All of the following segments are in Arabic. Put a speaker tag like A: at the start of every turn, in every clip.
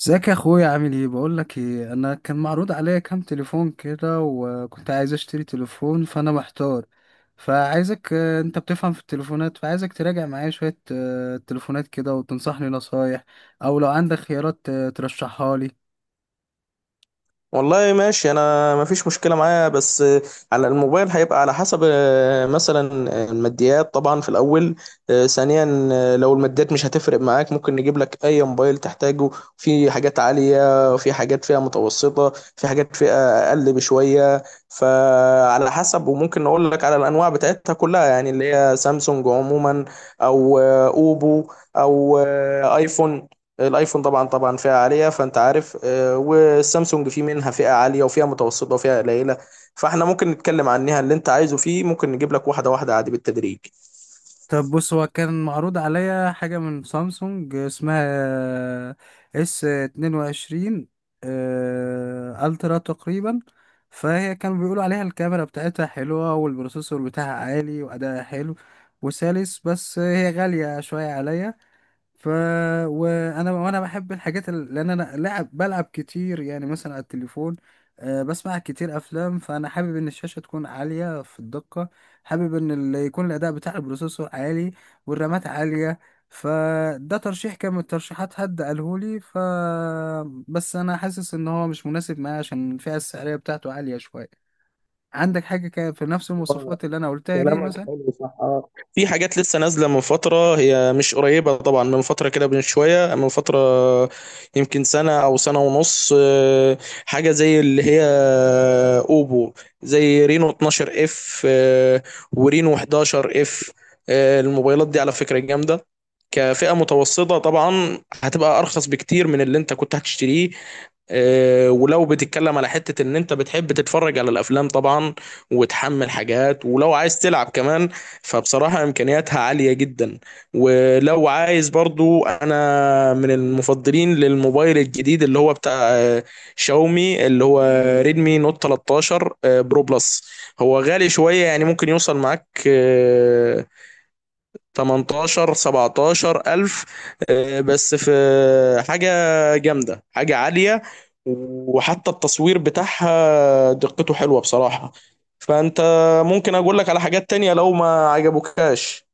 A: ازيك يا اخويا؟ عامل ايه؟ بقول لك ايه، انا كان معروض عليا كام تليفون كده وكنت عايز اشتري تليفون فانا محتار. فعايزك، انت بتفهم في التليفونات، فعايزك تراجع معايا شوية تليفونات كده وتنصحني نصايح، او لو عندك خيارات ترشحها لي.
B: والله، ماشي. انا ما فيش مشكله معايا، بس على الموبايل هيبقى على حسب، مثلا الماديات طبعا في الاول. ثانيا، لو الماديات مش هتفرق معاك ممكن نجيب لك اي موبايل تحتاجه. في حاجات عاليه، وفي حاجات فيها متوسطه، في حاجات فيها اقل بشويه. فعلى حسب. وممكن نقول لك على الانواع بتاعتها كلها، يعني اللي هي سامسونج عموما، او اوبو، او ايفون. الايفون طبعا طبعا فئة عالية، فانت عارف. والسامسونج في منها فئة عالية وفئة متوسطة وفئة قليلة. فاحنا ممكن نتكلم عنها، اللي انت عايزه فيه ممكن نجيب لك واحدة واحدة عادي، بالتدريج.
A: طب بص، هو كان معروض عليا حاجة من سامسونج اسمها اس اتنين وعشرين الترا تقريبا. فهي كانوا بيقولوا عليها الكاميرا بتاعتها حلوة والبروسيسور بتاعها عالي وأداءها حلو وسلس، بس هي غالية شوية عليا. ف وانا بحب الحاجات لان انا لعب بلعب كتير يعني مثلا على التليفون، بسمع كتير افلام، فانا حابب ان الشاشه تكون عاليه في الدقه. حابب ان يكون الاداء بتاع البروسيسور عالي والرامات عاليه. فده ترشيح كان من الترشيحات، حد قالهولي. ف، بس انا حاسس ان هو مش مناسب معايا عشان الفئه السعريه بتاعته عاليه شويه. عندك حاجه في نفس المواصفات اللي انا قلتها دي
B: كلامك
A: مثلا؟
B: حلو، صح. اه، في حاجات لسه نازله من فتره، هي مش قريبه طبعا، من فتره كده، من شويه، من فتره. يمكن سنه او سنه ونص. حاجه زي اللي هي اوبو، زي رينو 12 اف، ورينو 11 اف. الموبايلات دي على فكره جامده، كفئه متوسطه طبعا. هتبقى ارخص بكتير من اللي انت كنت هتشتريه. ولو بتتكلم على حتة ان انت بتحب تتفرج على الافلام طبعا، وتحمل حاجات، ولو عايز تلعب كمان، فبصراحة امكانياتها عالية جدا. ولو عايز برضو، انا من المفضلين للموبايل الجديد اللي هو بتاع شاومي، اللي هو ريدمي نوت 13 برو بلس. هو غالي شوية، يعني ممكن يوصل معاك 18، 17 ألف. بس في حاجة جامدة، حاجة عالية، وحتى التصوير بتاعها دقته حلوة بصراحة. فأنت ممكن أقول لك على حاجات تانية لو ما عجبوكاش.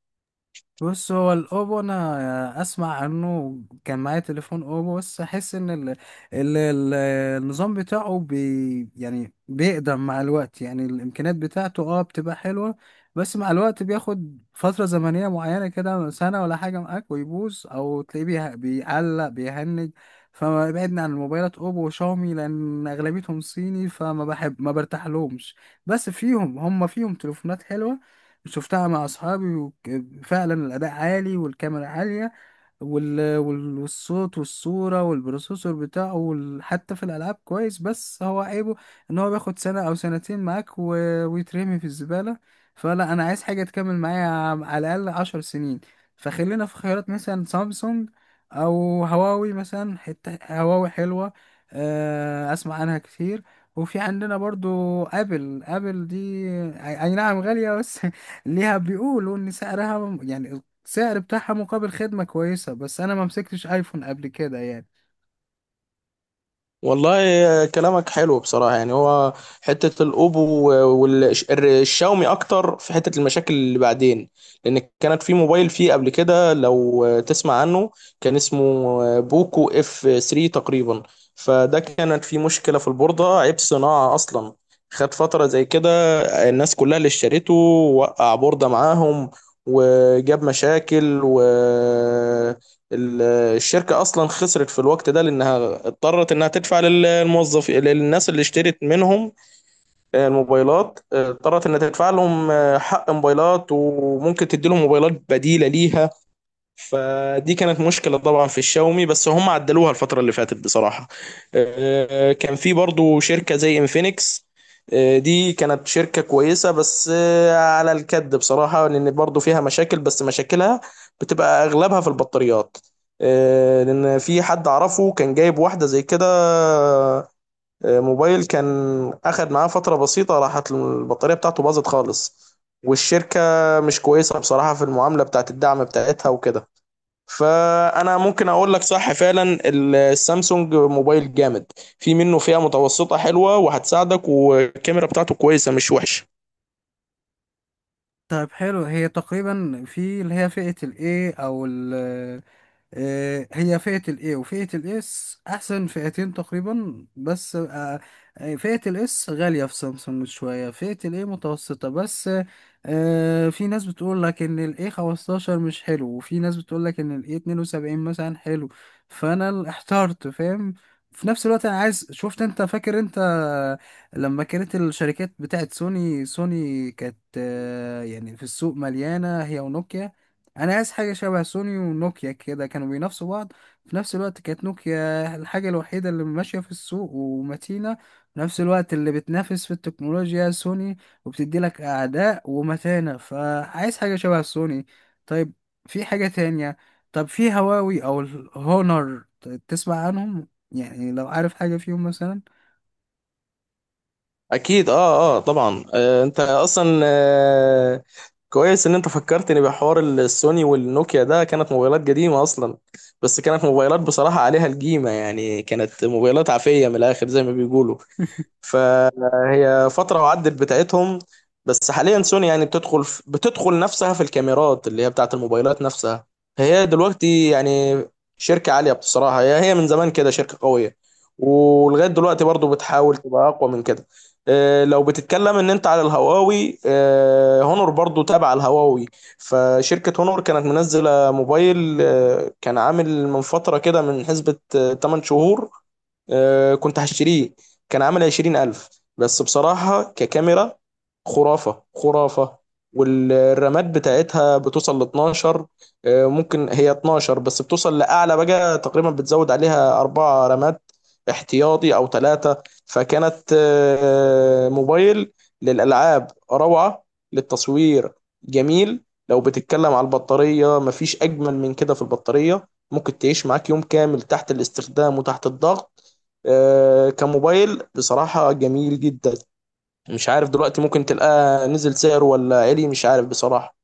A: بص، هو الاوبو انا اسمع عنه، كان معايا تليفون اوبو، بس احس ان ال... ال... النظام بتاعه يعني بيقدم مع الوقت، يعني الامكانيات بتاعته اه بتبقى حلوة، بس مع الوقت بياخد فترة زمنية معينة كده سنة ولا حاجة معاك ويبوظ، او تلاقيه بيعلق بيهنج. فما بعدنا عن الموبايلات اوبو وشاومي لان اغلبيتهم صيني، فما بحب ما برتاح لهمش. بس فيهم، هم فيهم تليفونات حلوة، شفتها مع اصحابي وفعلا الاداء عالي والكاميرا عالية والصوت والصورة والبروسيسور بتاعه حتى في الألعاب كويس، بس هو عيبه إن هو بياخد سنة أو سنتين معاك ويترمي في الزبالة. فلا، أنا عايز حاجة تكمل معايا على الأقل عشر سنين. فخلينا في خيارات مثلا سامسونج أو هواوي مثلا، حتة هواوي حلوة، أسمع عنها كتير. وفي عندنا برضو ابل، ابل دي اي أي نعم غالية بس ليها بيقولوا ان سعرها، يعني سعر بتاعها مقابل خدمة كويسة، بس أنا ما مسكتش أيفون قبل كده يعني.
B: والله كلامك حلو بصراحة، يعني هو حتة الأوبو والشاومي أكتر في حتة المشاكل اللي بعدين، لأن كانت في موبايل فيه قبل كده، لو تسمع عنه، كان اسمه بوكو اف 3 تقريبا. فده كانت فيه مشكلة في البوردة، عيب صناعة أصلا. خد فترة زي كده، الناس كلها اللي اشترته وقع بوردة معاهم وجاب مشاكل ال- الشركة أصلا خسرت في الوقت ده، لأنها اضطرت إنها تدفع للموظفين، للناس اللي اشترت منهم الموبايلات، اضطرت إنها تدفع لهم حق موبايلات، وممكن تدي لهم موبايلات بديلة ليها. فدي كانت مشكلة طبعا في الشاومي، بس هم عدلوها الفترة اللي فاتت بصراحة. كان في برضو شركة زي انفينكس. دي كانت شركة كويسة، بس على الكد بصراحة، لأن برضو فيها مشاكل، بس مشاكلها بتبقى أغلبها في البطاريات. لأن في حد أعرفه كان جايب واحدة زي كده، موبايل، كان أخد معاه فترة بسيطة راحت البطارية بتاعته باظت خالص. والشركة مش كويسة بصراحة في المعاملة بتاعت الدعم بتاعتها وكده. فانا ممكن اقول لك صح فعلا، السامسونج موبايل جامد، في منه فئة متوسطة حلوة وهتساعدك، والكاميرا بتاعته كويسة مش وحشة.
A: طيب حلو، هي تقريبا في اللي هي فئة ال A أو، هي فئة الاي وفئة الاس احسن فئتين تقريبا، بس آه، فئة الاس غالية في سامسونج شوية، فئة الاي متوسطة بس آه، في ناس بتقول لك ان الاي 15 مش حلو، وفي ناس بتقول لك ان الاي 72 مثلا حلو. فانا احترت فاهم. في نفس الوقت انا عايز، شفت انت فاكر انت لما كانت الشركات بتاعت سوني؟ سوني كانت يعني في السوق مليانة هي ونوكيا. انا عايز حاجه شبه سوني ونوكيا كده، كانوا بينافسوا بعض. في نفس الوقت كانت نوكيا الحاجه الوحيده اللي ماشيه في السوق ومتينه، في نفس الوقت اللي بتنافس في التكنولوجيا سوني وبتدي لك اعداء ومتانه، فعايز حاجه شبه سوني. طيب، في حاجه تانية؟ طب في هواوي او الهونر، تسمع عنهم يعني؟ لو عارف حاجه فيهم مثلا.
B: اكيد، اه، اه، طبعا. انت اصلا كويس ان انت فكرتني بحوار السوني والنوكيا، ده كانت موبايلات قديمة اصلا، بس كانت موبايلات بصراحة عليها الجيمة، يعني كانت موبايلات عافية من الاخر زي ما بيقولوا. فهي فترة وعدت بتاعتهم. بس حاليا سوني يعني بتدخل نفسها في الكاميرات اللي هي بتاعت الموبايلات نفسها. هي دلوقتي يعني شركة عالية بصراحة، هي من زمان كده شركة قوية، ولغاية دلوقتي برضو بتحاول تبقى أقوى من كده. لو بتتكلم ان انت على الهواوي، هونور برضو تابع الهواوي. فشركة هونور كانت منزلة موبايل، كان عامل من فترة كده، من حسبة 8 شهور. كنت هشتريه، كان عامل 20 ألف. بس بصراحة ككاميرا خرافة خرافة، والرامات بتاعتها بتوصل ل 12. ممكن هي 12، بس بتوصل لأعلى بقى تقريبا، بتزود عليها 4 رامات احتياطي أو 3. فكانت موبايل للألعاب روعة، للتصوير جميل. لو بتتكلم على البطارية مفيش أجمل من كده، في البطارية ممكن تعيش معاك يوم كامل تحت الاستخدام وتحت الضغط. كموبايل بصراحة جميل جدا. مش عارف دلوقتي، ممكن تلقاه نزل سعره ولا عالي، مش عارف بصراحة.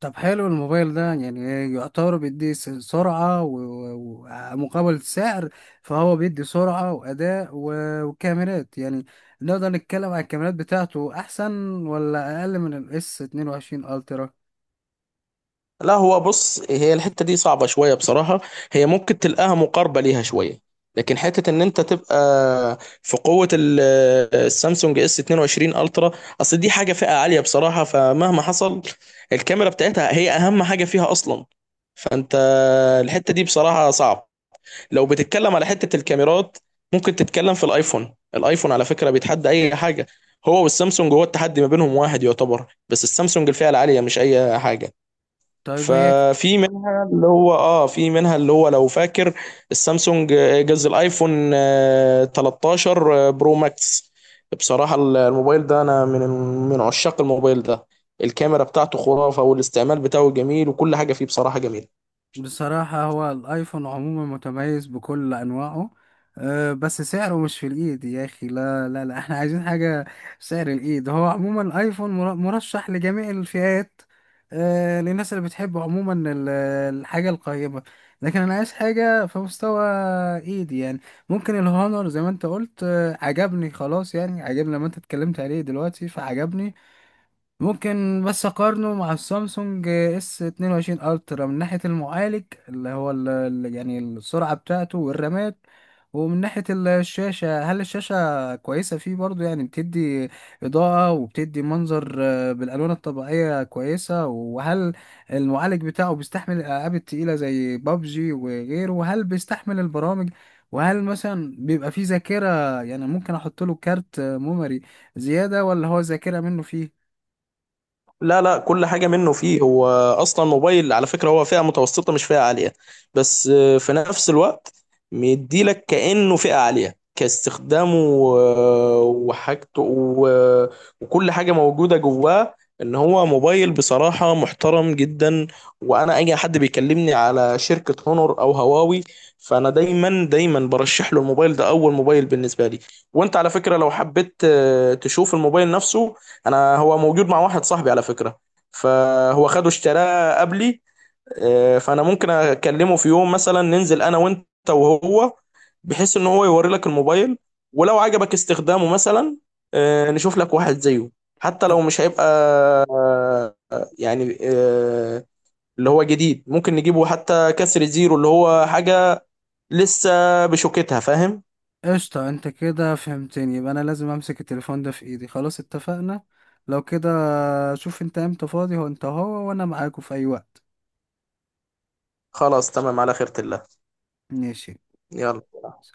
A: طب حلو، الموبايل ده يعني يعتبر بيدي سرعة و- ومقابل السعر؟ فهو بيدي سرعة وأداء وكاميرات يعني، نقدر نتكلم على الكاميرات بتاعته أحسن ولا أقل من الاس 22 ألترا؟
B: لا، هو بص، هي الحتة دي صعبة شوية بصراحة. هي ممكن تلقاها مقاربة ليها شوية، لكن حتة ان انت تبقى في قوة السامسونج اس 22 الترا، اصل دي حاجة فئة عالية بصراحة، فمهما حصل، الكاميرا بتاعتها هي اهم حاجة فيها اصلا. فانت، الحتة دي بصراحة صعب. لو بتتكلم على حتة الكاميرات، ممكن تتكلم في الايفون. الايفون على فكرة بيتحدى اي حاجة، هو والسامسونج، هو التحدي ما بينهم واحد يعتبر، بس السامسونج الفئة العالية مش اي حاجة.
A: طيب هي،
B: ففي منها اللي هو اه في منها اللي هو، لو فاكر، السامسونج جاز الايفون 13 برو ماكس. بصراحة الموبايل ده انا من عشاق الموبايل ده، الكاميرا بتاعته خرافة، والاستعمال بتاعه جميل، وكل حاجة فيه بصراحة جميلة.
A: بصراحة هو الآيفون عموما متميز بكل أنواعه، أه، بس سعره مش في الإيد يا أخي. لا لا لا، احنا عايزين حاجة سعر الإيد. هو عموما الآيفون مرشح لجميع الفئات، أه، للناس اللي بتحب عموما الحاجة القيمة. لكن أنا عايز حاجة في مستوى إيدي يعني. ممكن الهونر زي ما أنت قلت، أه، عجبني خلاص يعني، عجبني لما أنت اتكلمت عليه دلوقتي فعجبني. ممكن بس اقارنه مع السامسونج اس 22 الترا من ناحيه المعالج اللي هو يعني السرعه بتاعته والرامات، ومن ناحيه الشاشه، هل الشاشه كويسه فيه برضو، يعني بتدي اضاءه وبتدي منظر بالالوان الطبيعيه كويسه؟ وهل المعالج بتاعه بيستحمل الالعاب التقيله زي بابجي وغيره؟ وهل بيستحمل البرامج؟ وهل مثلا بيبقى فيه ذاكره يعني ممكن احط له كارت ميموري زياده، ولا هو ذاكره منه فيه؟
B: لا، لا، كل حاجة منه فيه هو. أصلا موبايل على فكرة هو فئة متوسطة، مش فئة عالية. بس في نفس الوقت مديلك كأنه فئة عالية كاستخدامه، وحاجته وكل حاجة موجودة جواه. إن هو موبايل بصراحة محترم جدا. وأنا أي حد بيكلمني على شركة هونور أو هواوي، فأنا دايما دايما برشح له الموبايل ده، أول موبايل بالنسبة لي. وأنت على فكرة لو حبيت تشوف الموبايل نفسه، انا هو موجود مع واحد صاحبي على فكرة، فهو خده اشتراه قبلي. فانا ممكن اكلمه في يوم مثلا، ننزل انا وانت وهو، بحيث ان هو يوري لك الموبايل. ولو عجبك استخدامه مثلا، نشوف لك واحد زيه. حتى لو مش هيبقى آه، يعني اللي هو جديد، ممكن نجيبه حتى كسر زيرو، اللي هو حاجة لسه بشوكتها. فاهم؟
A: قشطة، انت كده فهمتني. يبقى انا لازم امسك التليفون ده في ايدي خلاص، اتفقنا لو كده. شوف انت امتى فاضي هو، انت هو وانا معاكوا في اي وقت.
B: خلاص، تمام. على خيرة الله.
A: ماشي.
B: يلا.